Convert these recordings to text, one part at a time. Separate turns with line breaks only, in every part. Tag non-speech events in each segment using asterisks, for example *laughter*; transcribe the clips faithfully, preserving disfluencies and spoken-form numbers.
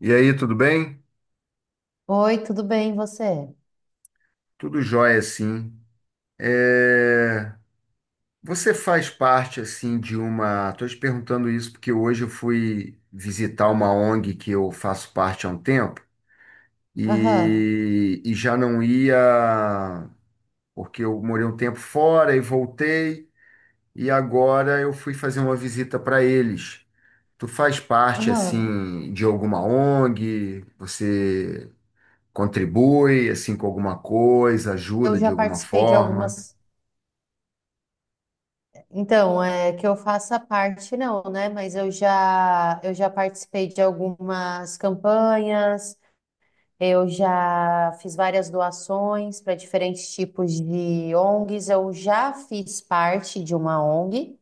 E aí, tudo bem?
Oi, tudo bem, e você?
Tudo jóia, sim. É, Você faz parte, assim, de uma... Estou te perguntando isso porque hoje eu fui visitar uma ONG que eu faço parte há um tempo
Aham,
e, e já não ia, porque eu morei um tempo fora e voltei, e agora eu fui fazer uma visita para eles. Tu faz parte,
aham.
assim, de alguma ONG? Você contribui, assim, com alguma coisa,
Eu
ajuda
já
de alguma
participei de
forma?
algumas. Então, é que eu faça parte, não, né? Mas eu já, eu já participei de algumas campanhas, eu já fiz várias doações para diferentes tipos de ONGs. Eu já fiz parte de uma ONG,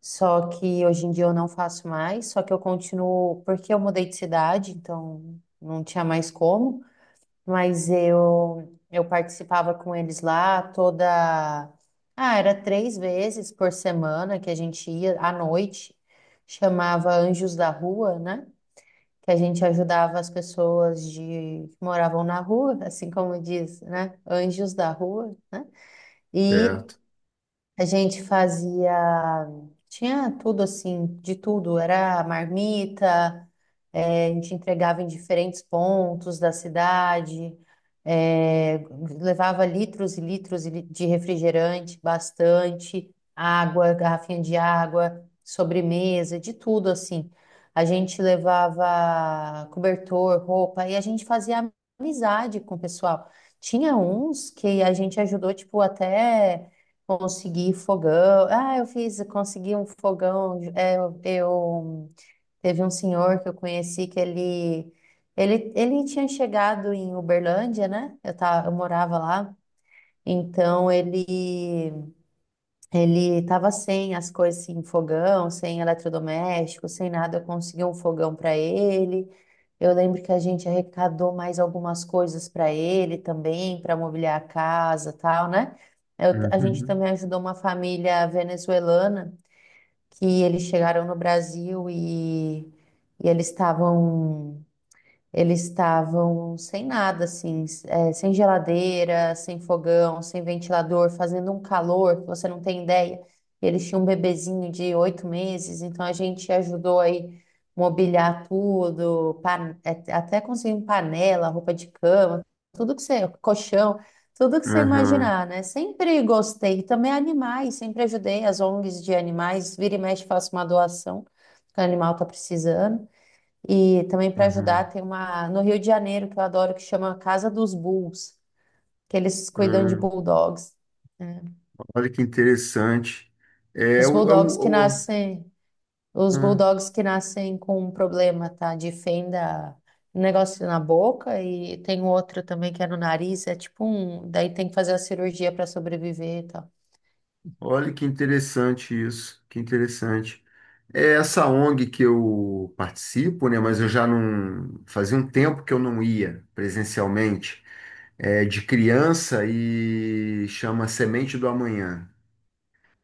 só que hoje em dia eu não faço mais, só que eu continuo, porque eu mudei de cidade, então não tinha mais como. Mas eu eu participava com eles lá toda, ah, era três vezes por semana que a gente ia à noite, chamava Anjos da Rua, né? Que a gente ajudava as pessoas de que moravam na rua, *laughs* assim como diz, né? Anjos da Rua, né? E
Certo.
a gente fazia, tinha tudo assim, de tudo, era marmita, eh, a gente entregava em diferentes pontos da cidade, eh, levava litros e litros e li- de refrigerante, bastante, água, garrafinha de água, sobremesa, de tudo assim. A gente levava cobertor, roupa, e a gente fazia amizade com o pessoal. Tinha uns que a gente ajudou, tipo, até. Consegui fogão. Ah, eu fiz, consegui um fogão. É, eu, eu- teve um senhor que eu conheci que ele, ele, ele tinha chegado em Uberlândia, né? Eu tava, eu morava lá. Então ele ele estava sem as coisas, sem fogão, sem eletrodoméstico, sem nada. Eu consegui um fogão para ele. Eu lembro que a gente arrecadou mais algumas coisas para ele também, para mobiliar a casa, tal, né? Eu- a gente
Uhum.
também ajudou uma família venezuelana que eles chegaram no Brasil e, e eles estavam eles estavam sem nada, assim, s- eh, sem geladeira, sem fogão, sem ventilador, fazendo um calor que você não tem ideia. E eles tinham um bebezinho de oito meses, então a gente ajudou aí mobiliar tudo, pan- eh, até conseguimos panela, roupa de cama, tudo que você, colchão, tudo que você
Aham,
imaginar, né? Sempre gostei. E também animais, sempre ajudei as ONGs de animais, vira e mexe, faço uma doação que o animal está precisando. E também para ajudar,
aham.
tem uma no Rio de Janeiro que eu adoro, que chama Casa dos Bulls, que eles cuidam de
Ah,
bulldogs, né?
olha que interessante. É,
Os
o, o, é
bulldogs que
o-
nascem, os
ah,
bulldogs que nascem com um problema, tá? De fenda, um negócio na boca e tem um outro também que é no nariz, é tipo um, daí tem que fazer a cirurgia para sobreviver e tal.
olha que interessante isso. Que interessante. É essa ONG que eu participo, né? Mas eu já não. Fazia um tempo que eu não ia presencialmente. É de criança e chama Semente do Amanhã.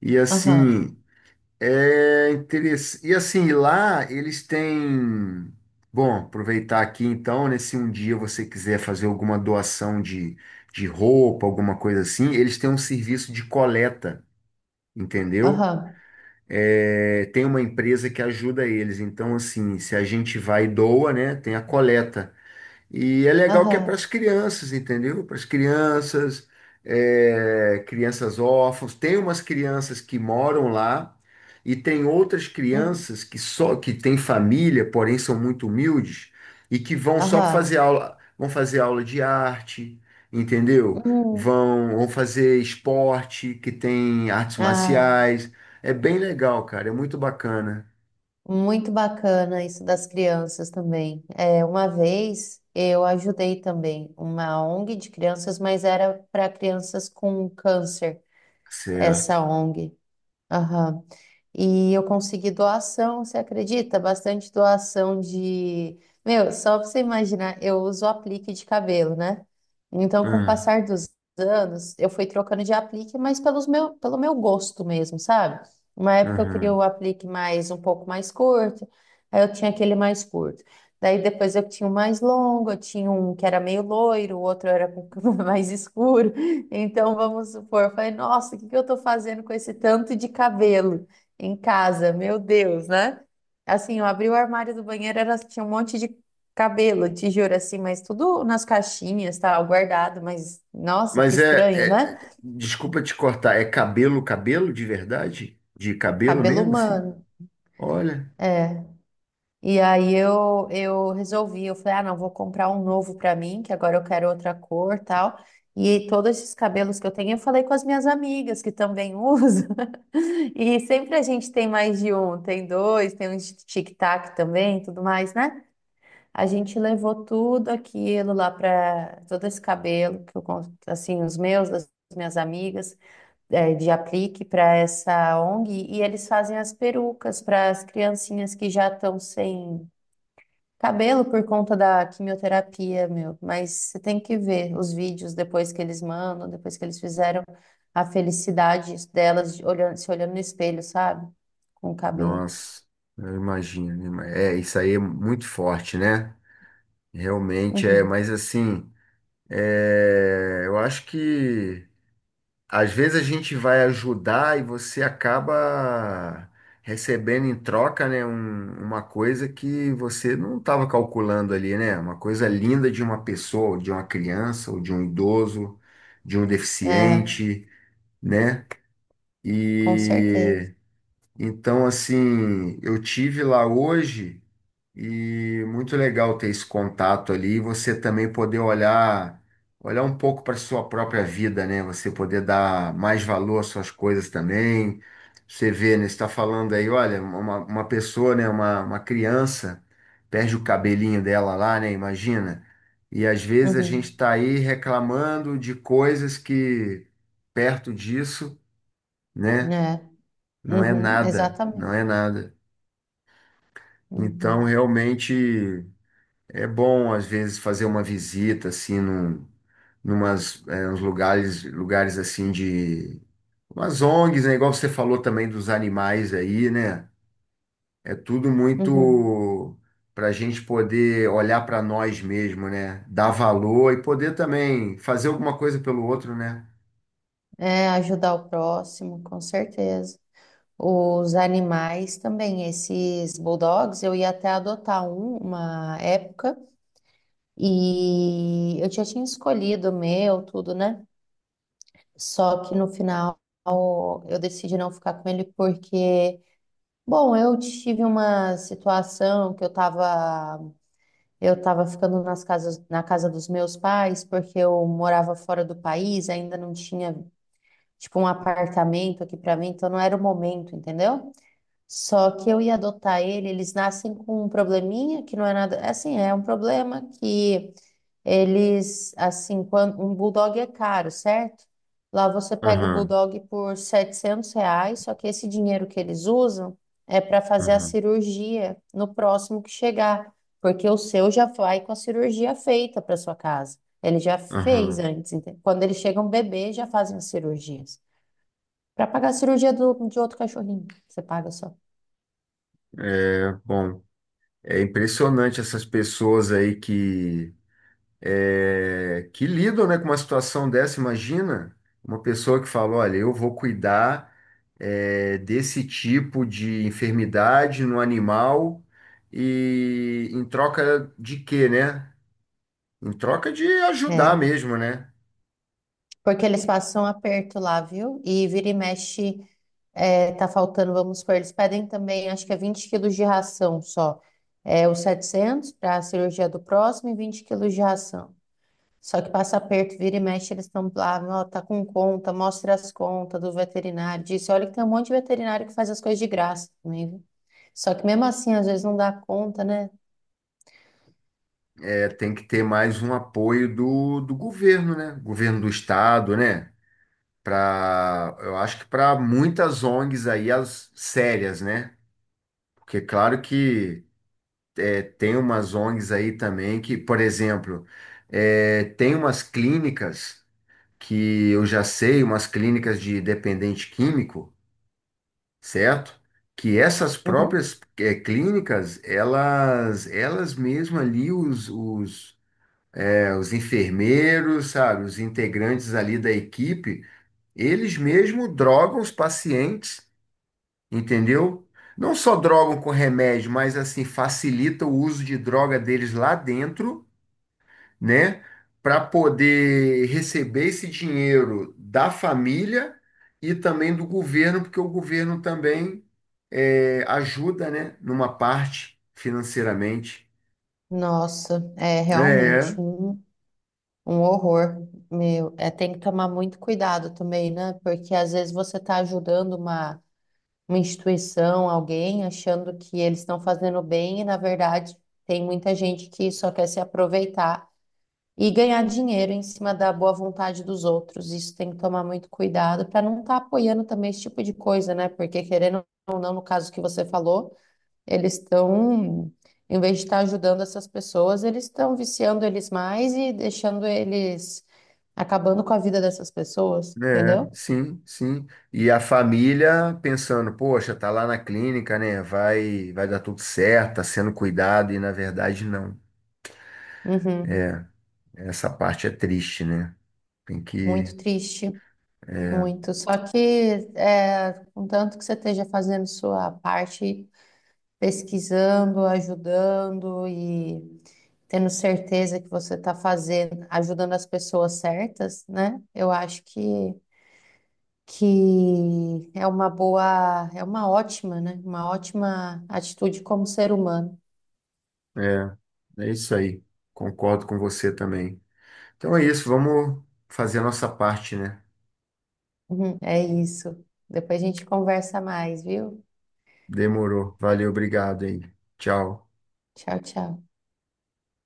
E
Aham,
assim. É interessante. E assim, lá eles têm. Bom, aproveitar aqui então, né? Se um dia você quiser fazer alguma doação de, de roupa, alguma coisa assim, eles têm um serviço de coleta, entendeu?
aham.
É, tem uma empresa que ajuda eles. Então, assim, se a gente vai e doa, né? Tem a coleta. E é legal que é para
Aham.
as crianças, entendeu? Para as crianças, é, crianças órfãos. Tem umas crianças que moram lá e tem outras
Hum.
crianças que só que têm família, porém são muito humildes e que vão só para fazer
Aham.
aula, vão fazer aula de arte, entendeu?
Hum.
Vão, vão fazer esporte, que tem artes
Ah,
marciais. É bem legal, cara. É muito bacana.
muito bacana isso das crianças também. É, uma vez eu ajudei também uma ONG de crianças, mas era para crianças com câncer,
Certo.
essa ONG. Aham. E eu consegui doação, você acredita? Bastante doação de. Meu, só pra você imaginar, eu uso aplique de cabelo, né? Então, com o
Ah,
passar dos anos, eu fui trocando de aplique, mas pelos meu, pelo meu gosto mesmo, sabe? Uma época eu queria
uhum.
o aplique mais um pouco mais curto, aí eu tinha aquele mais curto. Daí depois eu tinha o mais longo, eu tinha um que era meio loiro, o outro era com *laughs* mais escuro. Então, vamos supor, eu falei, nossa, o que que eu estou fazendo com esse tanto de cabelo em casa? Meu Deus, né? Assim, eu abri o armário do banheiro, era, tinha um monte de cabelo, te assim, mas tudo nas caixinhas, tal, guardado, mas, nossa, que
Mas é,
estranho,
é-
né?
é- desculpa te cortar, é cabelo, cabelo de verdade? De cabelo
Cabelo
mesmo, assim?
humano.
Olha,
E aí eu, eu resolvi, eu falei, ah, não, vou comprar um novo pra mim, que agora eu quero outra cor, tal. E todos esses cabelos que eu tenho, eu falei com as minhas amigas que também *laughs* usam. E sempre a gente tem mais de um, tem dois, tem um de tic-tac também, tudo mais, né? A gente levou tudo aquilo lá pra todo esse cabelo que eu con- assim, os meus, das minhas amigas, eh, de aplique para essa ONG, e eles fazem as perucas para as criancinhas que já estão sem cabelo por conta da quimioterapia, meu, mas você tem que ver os vídeos depois que eles mandam, depois que eles fizeram a felicidade delas de- olhando, se olhando no espelho, sabe? Com o cabelo.
nossa, eu imagino. Né? É, isso aí é muito forte, né? Realmente é,
Uhum.
mas assim, é, eu acho que às vezes a gente vai ajudar e você acaba recebendo em troca, né, um- uma coisa que você não estava calculando ali, né? Uma coisa linda de uma pessoa, de uma criança, ou de um idoso, de um
É,
deficiente, né?
com certeza.
E então, assim, eu tive lá hoje e muito legal ter esse contato ali e você também poder olhar, olhar um pouco para sua própria vida, né? Você poder dar mais valor às suas coisas também. Você vê, né? Você está falando aí, olha, uma, uma pessoa, né? Uma, uma criança perde o cabelinho dela lá, né? Imagina. E às vezes a gente
Uhum.
está aí reclamando de coisas que perto disso, né?
É.
Não é
Uhum.
nada, não
Exatamente.
é nada. Então,
Uhum.
realmente é bom às vezes fazer uma visita assim num, numas é, uns lugares, lugares assim de umas ONGs, né? Igual você falou também dos animais aí, né? É tudo
Uhum.
muito para a gente poder olhar para nós mesmo, né? Dar valor e poder também fazer alguma coisa pelo outro, né?
É, ajudar o próximo, com certeza. Os animais também, esses bulldogs, eu ia até adotar um, uma época. E eu já tinha escolhido o meu, tudo, né? Só que no final eu decidi não ficar com ele porque, bom, eu tive uma situação que eu tava, eu tava ficando nas casas, na casa dos meus pais porque eu morava fora do país, ainda não tinha, tipo, um apartamento aqui pra mim, então não era o momento, entendeu? Só que eu ia adotar ele, eles nascem com um probleminha que não é nada, é assim, é um problema que eles, assim, quando um bulldog é caro, certo? Lá você pega o
Aham,
bulldog por setecentos reais, só que esse dinheiro que eles usam é para fazer a
aham,
cirurgia no próximo que chegar, porque o seu já vai com a cirurgia feita para sua casa. Ele já fez
aham.
antes, entende? Quando eles chegam bebê, já fazem as cirurgias. Para pagar a cirurgia do, de outro cachorrinho, você paga só.
É bom. É impressionante essas pessoas aí que é, que lidam, né, com uma situação dessa. Imagina uma pessoa que fala: olha, eu vou cuidar, é, desse tipo de enfermidade no animal e em troca de quê, né? Em troca de ajudar
É,
mesmo, né?
porque eles passam aperto lá, viu? E vira e mexe, é, tá faltando, vamos supor, eles pedem também, acho que é vinte quilos de ração só. É, os setecentos para a cirurgia do próximo e vinte quilos de ração. Só que passa aperto, vira e mexe, eles estão lá, ó, tá com conta, mostra as contas do veterinário, disse, olha que tem um monte de veterinário que faz as coisas de graça também, viu? Só que mesmo assim, às vezes não dá conta, né?
É, tem que ter mais um apoio do, do governo, né? Governo do estado, né? Para, eu acho que para muitas ONGs aí, as sérias, né? Porque, é claro que. Tem umas ONGs aí também que, por exemplo, eh, tem umas clínicas que eu já sei, umas clínicas de dependente químico, certo? Que essas
Uhum.
próprias eh, clínicas, elas, elas mesmas ali, os, os, eh, os enfermeiros, sabe, os integrantes ali da equipe, eles mesmos drogam os pacientes, entendeu? Não só drogam com remédio, mas assim, facilita o uso de droga deles lá dentro né? Para poder receber esse dinheiro da família e também do governo, porque o governo também é, ajuda, né? Numa parte financeiramente.
Nossa, é
É,
realmente um. Um horror, meu. É, tem que tomar muito cuidado também, né? Porque às vezes você está ajudando uma, uma instituição, alguém, achando que eles estão fazendo bem e, na verdade, tem muita gente que só quer se aproveitar e ganhar dinheiro em cima da boa vontade dos outros. Isso tem que tomar muito cuidado para não estar apoiando também esse tipo de coisa, né? Porque, querendo ou não, no caso que você falou. Eles estão, em vez de estar ajudando essas pessoas, eles estão viciando eles mais e deixando eles acabando com a vida dessas pessoas,
é,
entendeu?
sim, sim. E a família pensando, poxa, tá lá na clínica, né? Vai, vai dar tudo certo, tá sendo cuidado, e na verdade não.
Uhum.
Essa parte é triste, né? Tem que.
Muito triste, muito. Só que, é, contanto que você esteja fazendo sua parte, pesquisando, ajudando e tendo certeza que você está fazendo, ajudando as pessoas certas, né? Eu acho que que é uma boa, é uma ótima, né? Uma ótima atitude como ser humano.
É, é isso aí. Concordo com você também. Então é isso, vamos fazer a nossa parte, né?
Uhum, é isso. Depois a gente conversa mais, viu?
Demorou. Valeu, obrigado aí. Tchau.
Tchau, tchau.